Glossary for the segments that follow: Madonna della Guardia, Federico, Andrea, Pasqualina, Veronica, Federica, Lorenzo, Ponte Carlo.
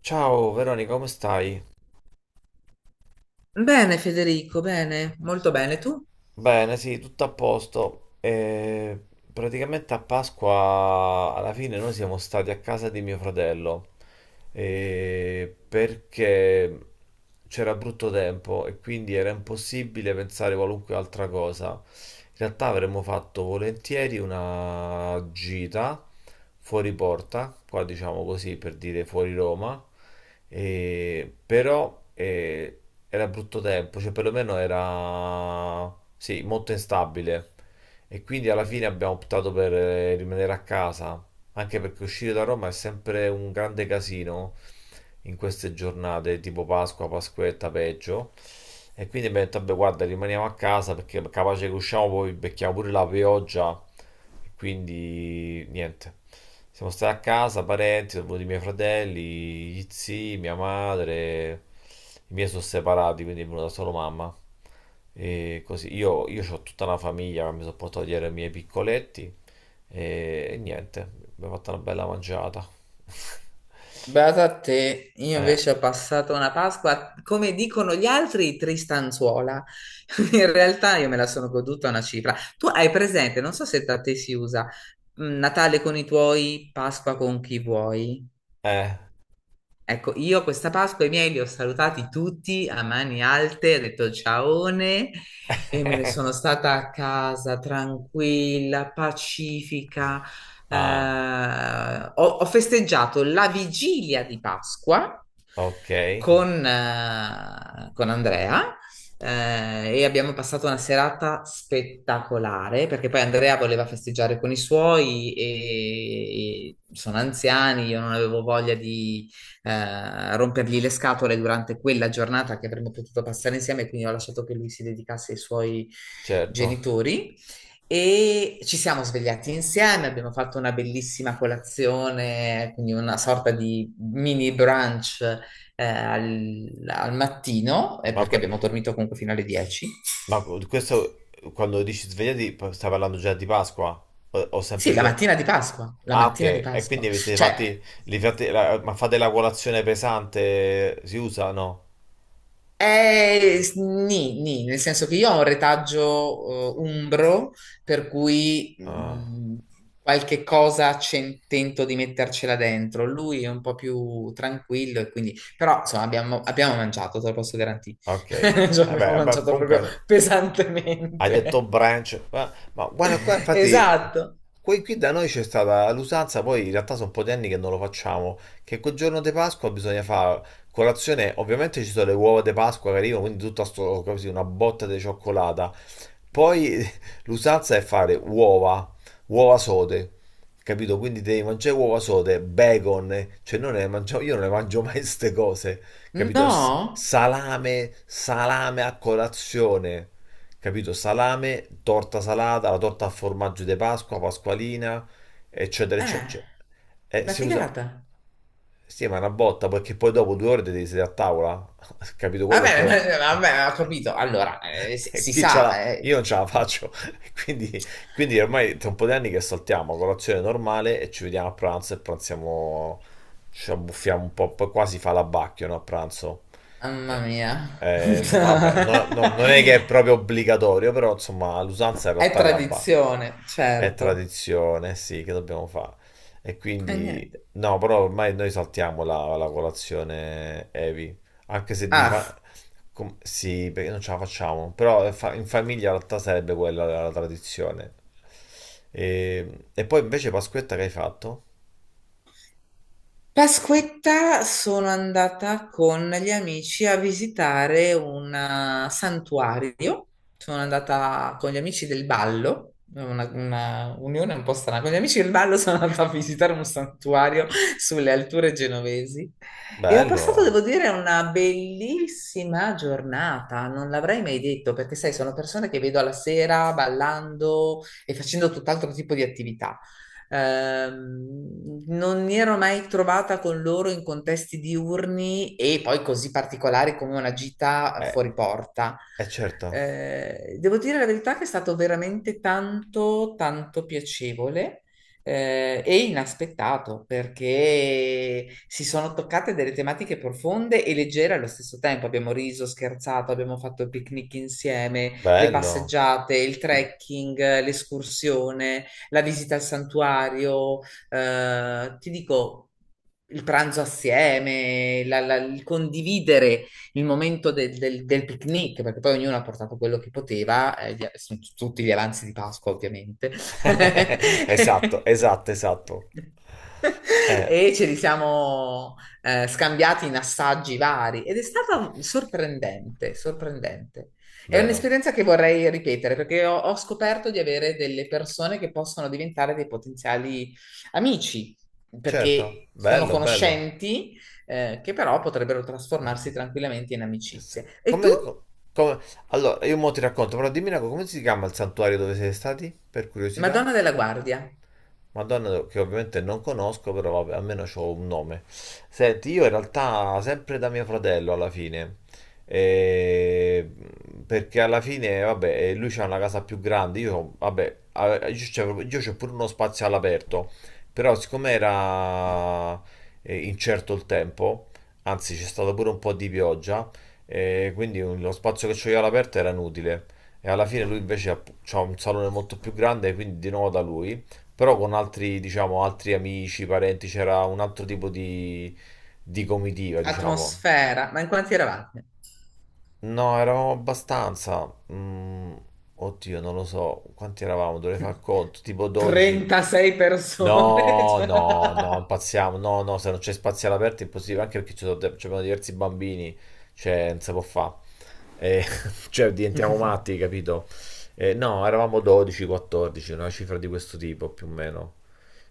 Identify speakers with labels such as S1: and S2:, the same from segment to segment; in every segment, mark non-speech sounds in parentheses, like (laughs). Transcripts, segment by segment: S1: Ciao Veronica, come stai?
S2: Bene Federico, bene, molto bene. Tu?
S1: Bene, sì, tutto a posto. E praticamente a Pasqua alla fine noi siamo stati a casa di mio fratello. Perché c'era brutto tempo e quindi era impossibile pensare qualunque altra cosa. In realtà avremmo fatto volentieri una gita fuori porta, qua diciamo così per dire fuori Roma, però era brutto tempo, cioè perlomeno era sì, molto instabile e quindi alla fine abbiamo optato per rimanere a casa. Anche perché uscire da Roma è sempre un grande casino in queste giornate, tipo Pasqua, Pasquetta, peggio. E quindi mi ha detto, vabbè, guarda, rimaniamo a casa perché capace che usciamo poi becchiamo pure la pioggia. E quindi niente. Siamo stati a casa, parenti, sono venuti i miei fratelli, gli zii, mia madre. I miei sono separati, quindi è venuta solo mamma. E così io ho tutta una famiglia che mi sono portato dietro i miei piccoletti. E niente, abbiamo fatto una bella mangiata. (laughs)
S2: Beata a te, io
S1: Eh,
S2: invece ho È passato una Pasqua, come dicono gli altri, tristanzuola. (laughs) In realtà io me la sono goduta una cifra. Tu hai presente, non so se da te si usa, Natale con i tuoi, Pasqua con chi vuoi.
S1: eh.
S2: Ecco, io questa Pasqua i miei li ho salutati tutti a mani alte, ho detto ciaone e me ne sono
S1: (laughs)
S2: stata a casa tranquilla, pacifica. Eh,
S1: Ah,
S2: ho, ho festeggiato la vigilia di Pasqua
S1: ok,
S2: con Andrea. E abbiamo passato una serata spettacolare perché poi Andrea voleva festeggiare con i suoi e sono anziani, io non avevo voglia rompergli le scatole durante quella giornata che avremmo potuto passare insieme, quindi ho lasciato che lui si dedicasse ai suoi
S1: certo.
S2: genitori. E ci siamo svegliati insieme, abbiamo fatto una bellissima colazione, quindi una sorta di mini brunch al, al mattino,
S1: Ma,
S2: perché
S1: que-
S2: abbiamo dormito comunque fino alle 10.
S1: ma questo quando dici svegliati stai parlando già di Pasqua? O sempre
S2: Sì, la
S1: giorno?
S2: mattina di Pasqua, la
S1: Ah, ok.
S2: mattina di
S1: E
S2: Pasqua.
S1: quindi avete
S2: Cioè,
S1: fatti, ma fate la colazione pesante? Si usa? No.
S2: S- nì, nì, nel senso che io ho un retaggio umbro, per cui
S1: Ah.
S2: qualche cosa tento di mettercela dentro. Lui è un po' più tranquillo e quindi. Però, insomma, abbiamo mangiato, te lo posso garantire.
S1: Ok,
S2: (laughs) Cioè, abbiamo
S1: vabbè, vabbè,
S2: mangiato
S1: comunque
S2: proprio
S1: hai detto
S2: pesantemente.
S1: branch, ma guarda qua,
S2: (laughs)
S1: infatti,
S2: Esatto.
S1: qui da noi c'è stata l'usanza, poi in realtà sono un po' di anni che non lo facciamo, che quel giorno di Pasqua bisogna fare colazione, ovviamente ci sono le uova di Pasqua che arrivano, quindi tutta sto, così, una botta di cioccolata, poi l'usanza è fare uova, uova sode, capito? Quindi devi mangiare uova sode, bacon, cioè non ne mangio, io non ne mangio mai queste cose, capito?
S2: No?
S1: Salame, salame a colazione, capito? Salame, torta salata, la torta a formaggio di Pasqua, Pasqualina, eccetera, eccetera,
S2: Eh,
S1: eccetera.
S2: una
S1: Si usa...
S2: figata.
S1: Sì, ma è una botta, perché poi dopo due ore devi sedere a tavola. (laughs) Capito? Quello è proprio...
S2: Vabbè, (laughs)
S1: (laughs)
S2: vabbè, ho capito. Allora, si,
S1: E
S2: si
S1: chi ce
S2: sa,
S1: l'ha?
S2: eh.
S1: Io non ce la faccio. (laughs) Quindi, quindi ormai tra un po' di anni che saltiamo colazione normale e ci vediamo a pranzo e pranziamo... Ci abbuffiamo un po', poi quasi fa l'abbacchio, no, a pranzo.
S2: Mamma
S1: Eh,
S2: mia, (laughs)
S1: vabbè, non è che è proprio obbligatorio, però insomma l'usanza in
S2: è
S1: realtà è l'abbacchio.
S2: tradizione,
S1: È
S2: certo.
S1: tradizione, sì, che dobbiamo fare? E
S2: E
S1: quindi
S2: niente.
S1: no, però ormai noi saltiamo la colazione heavy, anche se di fa...
S2: Ah.
S1: Sì, perché non ce la facciamo, però in famiglia in realtà sarebbe quella la tradizione. E poi invece Pasquetta che hai fatto?
S2: Pasquetta sono andata con gli amici a visitare un santuario. Sono andata con gli amici del ballo, una unione un po' strana. Con gli amici del ballo (laughs) sono andata a visitare un santuario sulle alture genovesi e ho passato,
S1: Bello,
S2: devo dire, una bellissima giornata. Non l'avrei mai detto perché, sai, sono persone che vedo alla sera ballando e facendo tutt'altro tipo di attività. Non mi ero mai trovata con loro in contesti diurni e poi così particolari come una gita
S1: eh,
S2: fuori porta.
S1: eh certo,
S2: Devo dire la verità che è stato veramente tanto, tanto piacevole. E inaspettato perché si sono toccate delle tematiche profonde e leggere allo stesso tempo. Abbiamo riso, scherzato, abbiamo fatto il picnic insieme, le
S1: bello.
S2: passeggiate, il trekking, l'escursione la visita al santuario, ti dico il pranzo assieme, il condividere il momento del picnic, perché poi ognuno ha portato quello che poteva, sono tutti gli avanzi di Pasqua, ovviamente. (laughs)
S1: (laughs) Esatto, esatto, esatto. Eh,
S2: E ce li siamo scambiati in assaggi vari ed è stata sorprendente, sorprendente. È
S1: vero.
S2: un'esperienza che vorrei ripetere perché ho scoperto di avere delle persone che possono diventare dei potenziali amici,
S1: Certo,
S2: perché sono
S1: bello, bello.
S2: conoscenti, che però potrebbero trasformarsi tranquillamente in amicizie. E tu,
S1: Come, come- Allora, io mo ti racconto, però dimmi una cosa, come si chiama il santuario dove siete stati? Per curiosità.
S2: Madonna della Guardia,
S1: Madonna, che ovviamente non conosco, però vabbè, almeno ho un nome. Senti, io in realtà sempre da mio fratello alla fine, eh, perché alla fine, vabbè, lui c'ha una casa più grande, io, vabbè, io c'ho pure uno spazio all'aperto, però siccome era incerto il tempo, anzi c'è stato pure un po' di pioggia, lo spazio che c'ho io all'aperto era inutile. E alla fine lui invece ha c'ha un salone molto più grande, quindi di nuovo da lui. Però con altri, diciamo, altri amici, parenti, c'era un altro tipo di comitiva, diciamo.
S2: atmosfera, ma in quanti eravate?
S1: No, eravamo abbastanza. mm, Oddio, non lo so. Quanti eravamo? Dovrei far
S2: (laughs)
S1: conto. Tipo 12.
S2: 36 persone. (laughs)
S1: No,
S2: Cioè.
S1: no, no, impazziamo. No, no, se non c'è spazio all'aperto è impossibile, anche perché ci sono, ci abbiamo diversi bambini, cioè non si può fare. (laughs) Cioè diventiamo matti, capito? No, eravamo 12, 14, una cifra di questo tipo più o meno.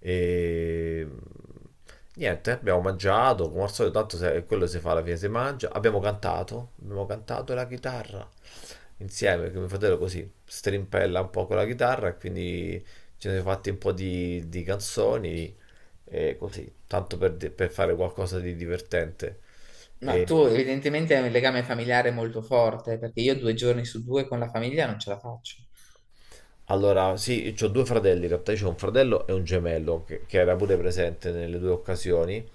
S1: E... Niente, abbiamo mangiato, come al solito, tanto quello si fa alla fine, si mangia. Abbiamo cantato la chitarra insieme, che mio fratello così strimpella un po' con la chitarra e quindi ci siamo fatti un po' di canzoni e così, tanto per, per fare qualcosa di divertente.
S2: No, tu
S1: E
S2: evidentemente hai un legame familiare molto forte, perché io due giorni su due con la famiglia non ce la faccio.
S1: allora, sì, ho due fratelli, in realtà io ho un fratello e un gemello che era pure presente nelle due occasioni,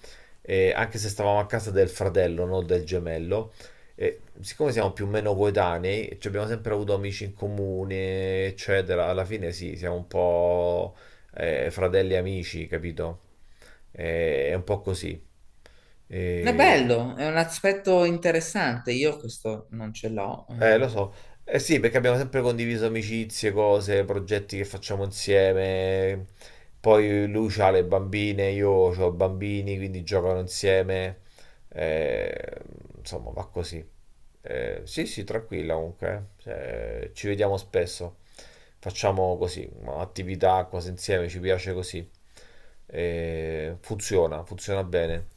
S1: e anche se stavamo a casa del fratello, non del gemello. E siccome siamo più o meno coetanei, ci abbiamo sempre avuto amici in comune, eccetera, alla fine sì, siamo un po' fratelli e amici, capito? È un po' così.
S2: È
S1: Eh,
S2: bello, è un aspetto interessante. Io questo non ce l'ho.
S1: lo
S2: Eh.
S1: so. Eh sì, perché abbiamo sempre condiviso amicizie, cose, progetti che facciamo insieme. Poi lui ha le bambine, io ho bambini, quindi giocano insieme. Eh, insomma, va così. Sì, sì, tranquilla comunque. Eh. Cioè, ci vediamo spesso. Facciamo così, attività, cose insieme, ci piace così. Funziona, funziona bene.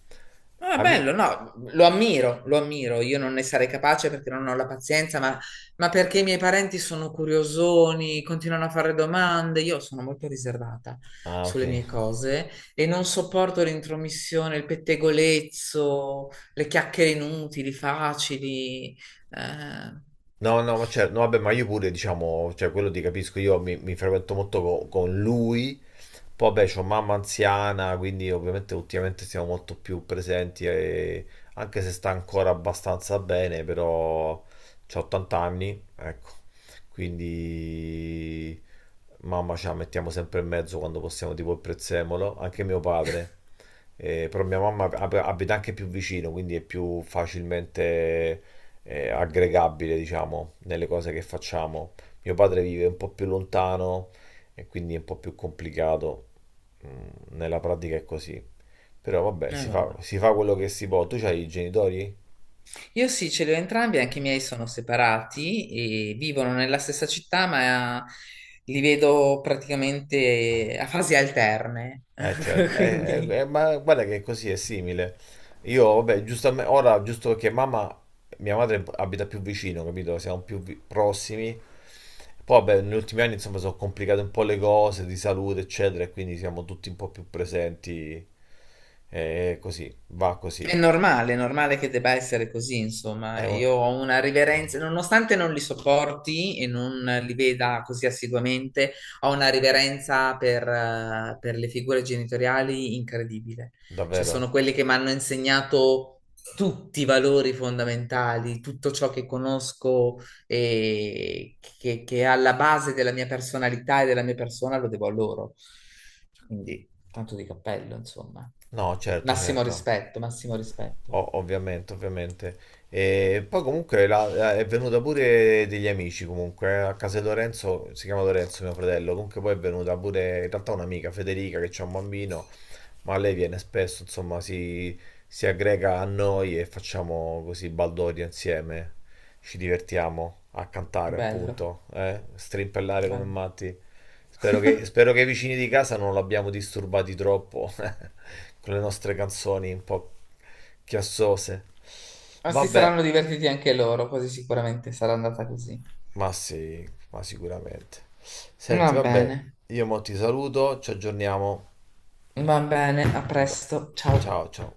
S2: Ma è
S1: Ami-
S2: bello, no, lo ammiro, lo ammiro. Io non ne sarei capace perché non ho la pazienza, ma perché i miei parenti sono curiosoni, continuano a fare domande. Io sono molto riservata
S1: Ah, ok.
S2: sulle mie cose e non sopporto l'intromissione, il pettegolezzo, le chiacchiere inutili, facili. Eh,
S1: No, no, ma certo, no, vabbè, ma io pure, diciamo, cioè quello ti capisco, io mi frequento molto con lui. Poi, beh, c'ho mamma anziana, quindi ovviamente ultimamente siamo molto più presenti, e- anche se sta ancora abbastanza bene, però c'ho 80 anni, ecco, quindi mamma ce la mettiamo sempre in mezzo quando possiamo, tipo il prezzemolo, anche mio padre. Però mia mamma abita anche più vicino, quindi è più facilmente aggregabile, diciamo, nelle cose che facciamo. Mio padre vive un po' più lontano e quindi è un po' più complicato. Mm, nella pratica è così. Però vabbè,
S2: vabbè.
S1: si fa quello che si può. Tu c'hai i genitori?
S2: Io sì, ce li ho entrambi, anche i miei sono separati e vivono nella stessa città, ma li vedo praticamente a fasi alterne.
S1: Eh certo,
S2: (laughs)
S1: eh,
S2: Quindi
S1: ma guarda che così è simile. Io, vabbè, giustamente, ora giusto perché mamma, mia madre abita più vicino, capito? Siamo più prossimi. Poi, vabbè, negli ultimi anni, insomma, sono complicate un po' le cose di salute, eccetera, e quindi siamo tutti un po' più presenti. E così, va così.
S2: è normale, è normale che debba essere così,
S1: È
S2: insomma.
S1: un-
S2: Io ho una riverenza, nonostante non li sopporti e non li veda così assiduamente, ho una riverenza per le figure genitoriali incredibile. Cioè,
S1: Davvero?
S2: sono quelli che mi hanno insegnato tutti i valori fondamentali, tutto ciò che conosco che è alla base della mia personalità e della mia persona lo devo a loro. Quindi, tanto di cappello, insomma.
S1: No, certo,
S2: Massimo
S1: certo.
S2: rispetto, massimo rispetto.
S1: O- ovviamente, ovviamente. E poi comunque è venuta pure degli amici comunque, a casa di Lorenzo, si chiama Lorenzo mio fratello, comunque poi è venuta pure in realtà un'amica, Federica, che c'ha un bambino, ma lei viene spesso, insomma, si aggrega a noi e facciamo così baldoria insieme. Ci divertiamo a cantare,
S2: Bello,
S1: appunto, eh? Strimpellare come
S2: bello.
S1: matti. Spero che i vicini di casa non l'abbiamo disturbati troppo (laughs) con le nostre canzoni un po' chiassose.
S2: Ma si
S1: Vabbè,
S2: saranno divertiti anche loro, così sicuramente sarà andata così.
S1: ma sì, ma sicuramente. Senti,
S2: Va
S1: vabbè,
S2: bene,
S1: io mo ti saluto, ci aggiorniamo.
S2: va bene, a
S1: Da-
S2: presto, ciao.
S1: Ciao, ciao.